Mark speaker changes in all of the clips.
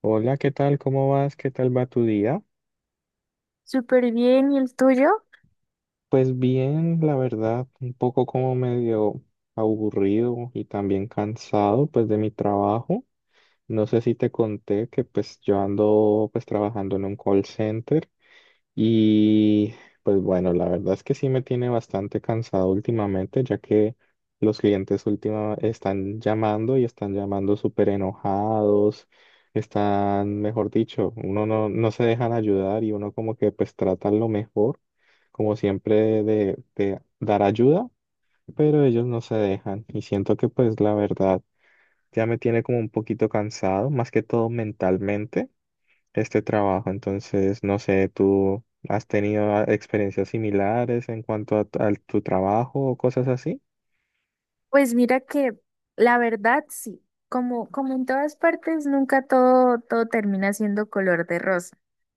Speaker 1: Hola, ¿qué tal? ¿Cómo vas? ¿Qué tal va tu día?
Speaker 2: Súper bien, ¿y el tuyo?
Speaker 1: Pues bien, la verdad, un poco como medio aburrido y también cansado pues de mi trabajo. No sé si te conté que pues yo ando pues trabajando en un call center. Y pues bueno, la verdad es que sí me tiene bastante cansado últimamente, ya que los clientes última están llamando y están llamando súper enojados, están, mejor dicho, uno no, no se dejan ayudar y uno como que pues trata lo mejor, como siempre de dar ayuda, pero ellos no se dejan y siento que pues la verdad ya me tiene como un poquito cansado, más que todo mentalmente este trabajo. Entonces, no sé, ¿tú has tenido experiencias similares en cuanto a, a tu trabajo o cosas así?
Speaker 2: Pues mira que la verdad sí, como, como en todas partes, nunca todo termina siendo color de rosa.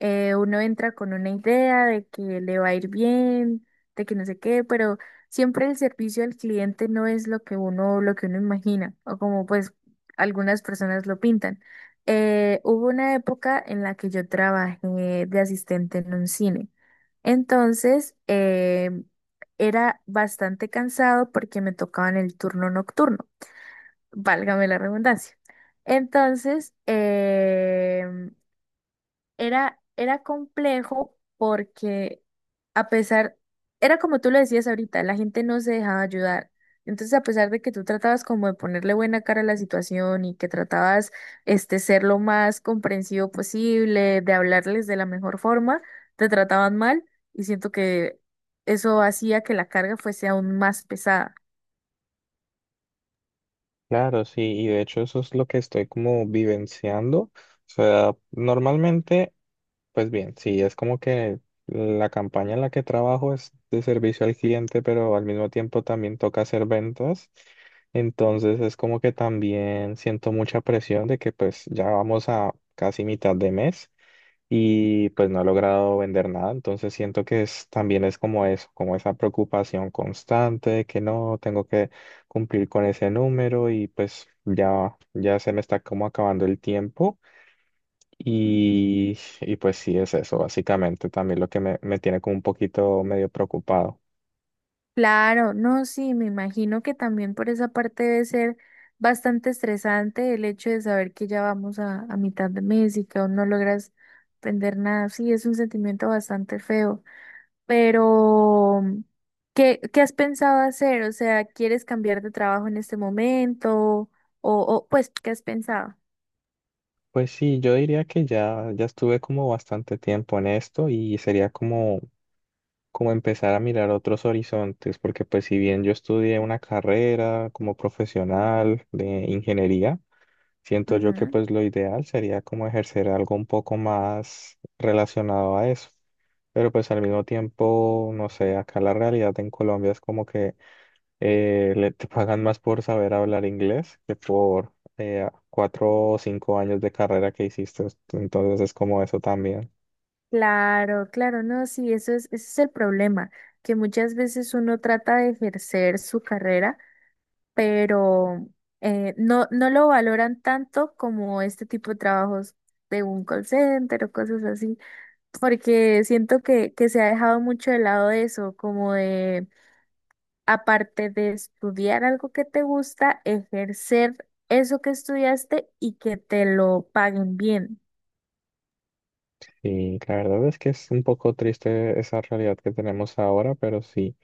Speaker 2: Uno entra con una idea de que le va a ir bien, de que no sé qué, pero siempre el servicio al cliente no es lo que uno imagina, o como pues algunas personas lo pintan. Hubo una época en la que yo trabajé de asistente en un cine. Entonces, eh, Era bastante cansado porque me tocaba en el turno nocturno, válgame la redundancia. Entonces, em, era complejo porque a pesar, era como tú lo decías ahorita, la gente no se dejaba ayudar. Entonces, a pesar de que tú tratabas como de ponerle buena cara a la situación y que tratabas este ser lo más comprensivo posible, de hablarles de la mejor forma, te trataban mal y siento que eso hacía que la carga fuese aún más pesada.
Speaker 1: Claro, sí, y de hecho eso es lo que estoy como vivenciando. O sea, normalmente, pues bien, sí, es como que la campaña en la que trabajo es de servicio al cliente, pero al mismo tiempo también toca hacer ventas. Entonces es como que también siento mucha presión de que pues ya vamos a casi mitad de mes. Y pues no he logrado vender nada, entonces siento que es, también es como eso, como esa preocupación constante de que no, tengo que cumplir con ese número y pues ya, ya se me está como acabando el tiempo y pues sí es eso, básicamente también lo que me tiene como un poquito medio preocupado.
Speaker 2: Claro, no, sí, me imagino que también por esa parte debe ser bastante estresante el hecho de saber que ya vamos a mitad de mes y que aún no logras aprender nada. Sí, es un sentimiento bastante feo, pero ¿qué, qué has pensado hacer? O sea, ¿quieres cambiar de trabajo en este momento? O pues, ¿qué has pensado?
Speaker 1: Pues sí, yo diría que ya, ya estuve como bastante tiempo en esto y sería como empezar a mirar otros horizontes, porque pues si bien yo estudié una carrera como profesional de ingeniería, siento yo que
Speaker 2: Ujú.
Speaker 1: pues lo ideal sería como ejercer algo un poco más relacionado a eso. Pero pues al mismo tiempo, no sé, acá la realidad en Colombia es como que te pagan más por saber hablar inglés que por cuatro o cinco años de carrera que hiciste. Entonces es como eso también.
Speaker 2: Claro, claro, no, sí, eso es, ese es el problema, que muchas veces uno trata de ejercer su carrera pero no, no lo valoran tanto como este tipo de trabajos de un call center o cosas así, porque siento que se ha dejado mucho de lado eso, como de, aparte de estudiar algo que te gusta, ejercer eso que estudiaste y que te lo paguen bien.
Speaker 1: Y la verdad es que es un poco triste esa realidad que tenemos ahora, pero sí,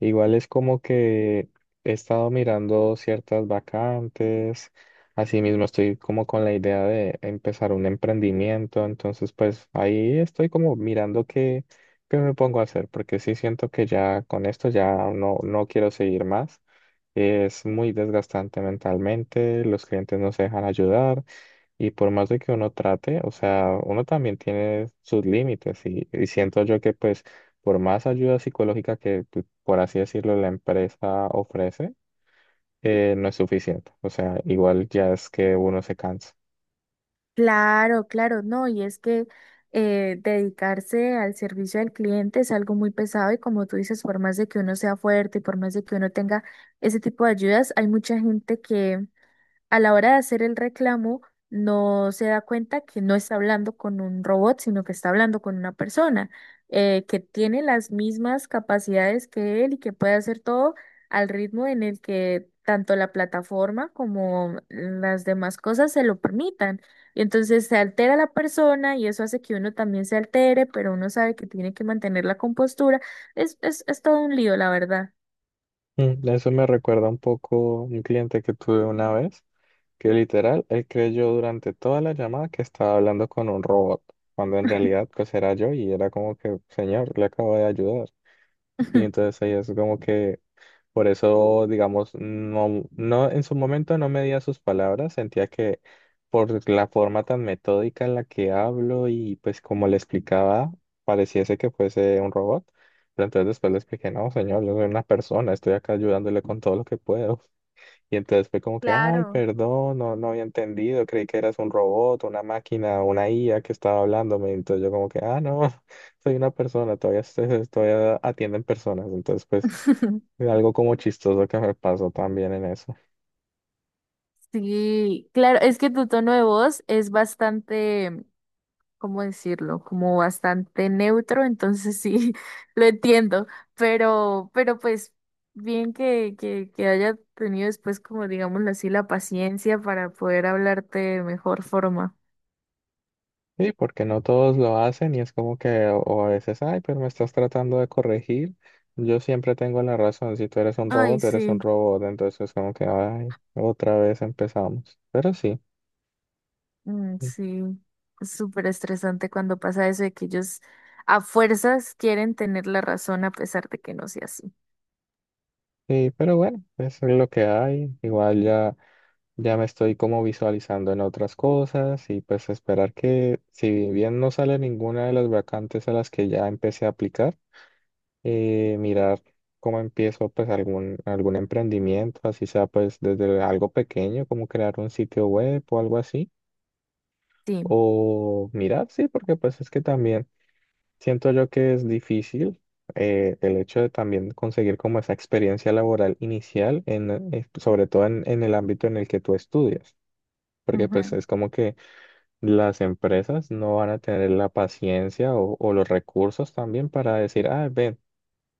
Speaker 1: igual es como que he estado mirando ciertas vacantes, asimismo estoy como con la idea de empezar un emprendimiento, entonces pues ahí estoy como mirando qué, qué me pongo a hacer, porque sí siento que ya con esto ya no, no quiero seguir más, es muy desgastante mentalmente, los clientes no se dejan ayudar. Y por más de que uno trate, o sea, uno también tiene sus límites y siento yo que pues por más ayuda psicológica que, pues, por así decirlo, la empresa ofrece, no es suficiente. O sea, igual ya es que uno se cansa.
Speaker 2: Claro, claro, no, y es que dedicarse al servicio al cliente es algo muy pesado y como tú dices, por más de que uno sea fuerte por más de que uno tenga ese tipo de ayudas, hay mucha gente a la hora de hacer el reclamo, no se da cuenta que no está hablando con un robot, sino que está hablando con una persona que tiene las mismas capacidades que él y que puede hacer todo al ritmo en el que tanto la plataforma como las demás cosas se lo permitan. Y entonces se altera la persona y eso hace que uno también se altere, pero uno sabe que tiene que mantener la compostura. Es todo un lío, la verdad.
Speaker 1: Mm, eso me recuerda un poco un cliente que tuve una vez, que literal, él creyó durante toda la llamada que estaba hablando con un robot, cuando en realidad pues era yo y era como que, señor, le acabo de ayudar. Y entonces ahí es como que... Por eso, digamos, no, no, en su momento no medía sus palabras, sentía que por la forma tan metódica en la que hablo y pues como le explicaba, pareciese que fuese un robot, pero entonces después le expliqué, no, señor, yo soy una persona, estoy acá ayudándole con todo lo que puedo. Y entonces fue como que, ay,
Speaker 2: Claro.
Speaker 1: perdón, no, no había entendido, creí que eras un robot, una máquina, una IA que estaba hablándome. Entonces yo como que, ah, no, soy una persona, todavía, todavía atienden personas. Entonces, pues, algo como chistoso que me pasó también en eso.
Speaker 2: Sí, claro, es que tu tono de voz es bastante, ¿cómo decirlo? Como bastante neutro, entonces sí, lo entiendo, pero pues bien que haya tenido después, como digámoslo así, la paciencia para poder hablarte de mejor forma.
Speaker 1: Sí, porque no todos lo hacen y es como que, o a veces, ay, pero me estás tratando de corregir. Yo siempre tengo la razón, si tú eres un
Speaker 2: Ay,
Speaker 1: robot, eres un
Speaker 2: sí,
Speaker 1: robot. Entonces es como que, ay, otra vez empezamos. Pero sí.
Speaker 2: mm, sí, es súper estresante cuando pasa eso de que ellos a fuerzas quieren tener la razón a pesar de que no sea así.
Speaker 1: Sí, pero bueno, eso es lo que hay. Igual ya, ya me estoy como visualizando en otras cosas y pues esperar que si bien no sale ninguna de las vacantes a las que ya empecé a aplicar, mirar cómo empiezo pues algún, algún emprendimiento, así sea pues desde algo pequeño, como crear un sitio web o algo así.
Speaker 2: Sí.
Speaker 1: O mirar, sí, porque pues es que también... Siento yo que es difícil el hecho de también conseguir como esa experiencia laboral inicial, sobre todo en el ámbito en el que tú estudias, porque pues es como que las empresas no van a tener la paciencia o los recursos también para decir, ah, ven,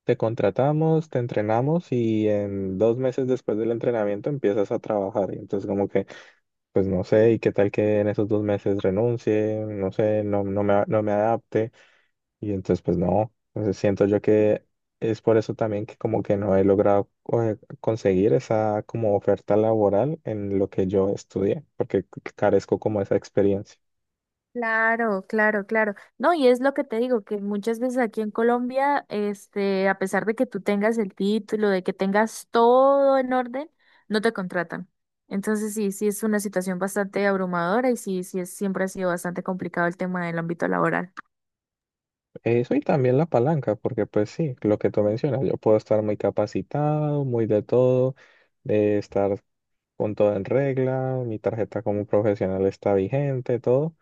Speaker 1: te contratamos, te entrenamos y en 2 meses después del entrenamiento empiezas a trabajar. Y entonces como que, pues no sé, ¿y qué tal que en esos 2 meses renuncie? No sé, no, no me adapte. Y entonces, pues no, entonces siento yo que es por eso también que como que no he logrado conseguir esa como oferta laboral en lo que yo estudié, porque carezco como esa experiencia.
Speaker 2: Claro, claro, claro. No, y es lo que te digo, que muchas veces aquí en Colombia, este, a pesar de que tú tengas el título, de que tengas todo en orden, no te contratan. Entonces sí, sí es una situación bastante abrumadora y sí, sí es, siempre ha sido bastante complicado el tema del ámbito laboral.
Speaker 1: Eso y también la palanca, porque pues sí, lo que tú mencionas, yo puedo estar muy capacitado, muy de todo, de estar con todo en regla, mi tarjeta como profesional está vigente, todo.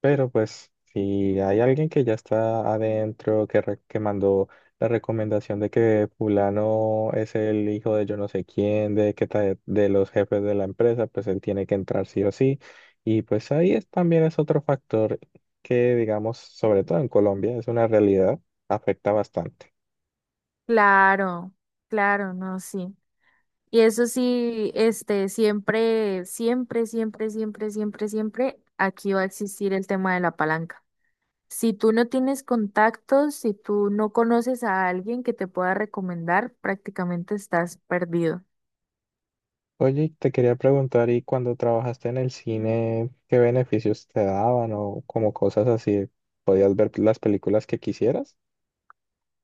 Speaker 1: Pero pues si hay alguien que ya está adentro, que mandó la recomendación de que fulano es el hijo de yo no sé quién, de los jefes de la empresa, pues él tiene que entrar sí o sí. Y pues ahí es, también es otro factor que, digamos, sobre todo en Colombia, es una realidad, afecta bastante.
Speaker 2: Claro, claro, no, sí. Y eso sí, este, siempre, siempre, siempre, siempre, siempre, siempre, aquí va a existir el tema de la palanca. Si tú no tienes contactos, si tú no conoces a alguien que te pueda recomendar, prácticamente estás perdido.
Speaker 1: Oye, y te quería preguntar, ¿y cuando trabajaste en el cine, qué beneficios te daban o como cosas así? ¿Podías ver las películas que quisieras?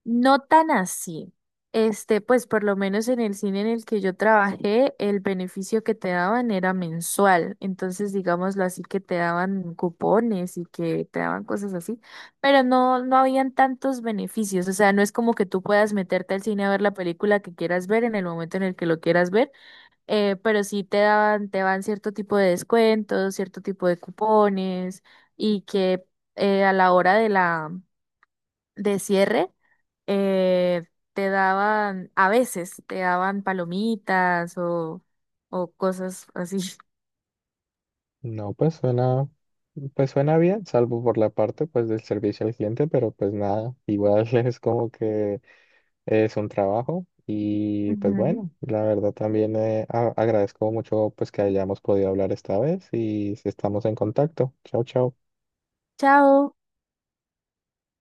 Speaker 2: No tan así. Este, pues por lo menos en el cine en el que yo trabajé, el beneficio que te daban era mensual. Entonces, digámoslo así, que te daban cupones y que te daban cosas así, pero no, no habían tantos beneficios. O sea, no es como que tú puedas meterte al cine a ver la película que quieras ver en el momento en el que lo quieras ver pero sí te dan cierto tipo de descuentos, cierto tipo de cupones y que a la hora de la de cierre eh, te daban, a veces te daban palomitas o cosas así.
Speaker 1: No, pues suena bien, salvo por la parte pues del servicio al cliente, pero pues nada, igual es como que es un trabajo y pues
Speaker 2: Ujú.
Speaker 1: bueno, la verdad también agradezco mucho pues que hayamos podido hablar esta vez y estamos en contacto. Chao, chao.
Speaker 2: Chao.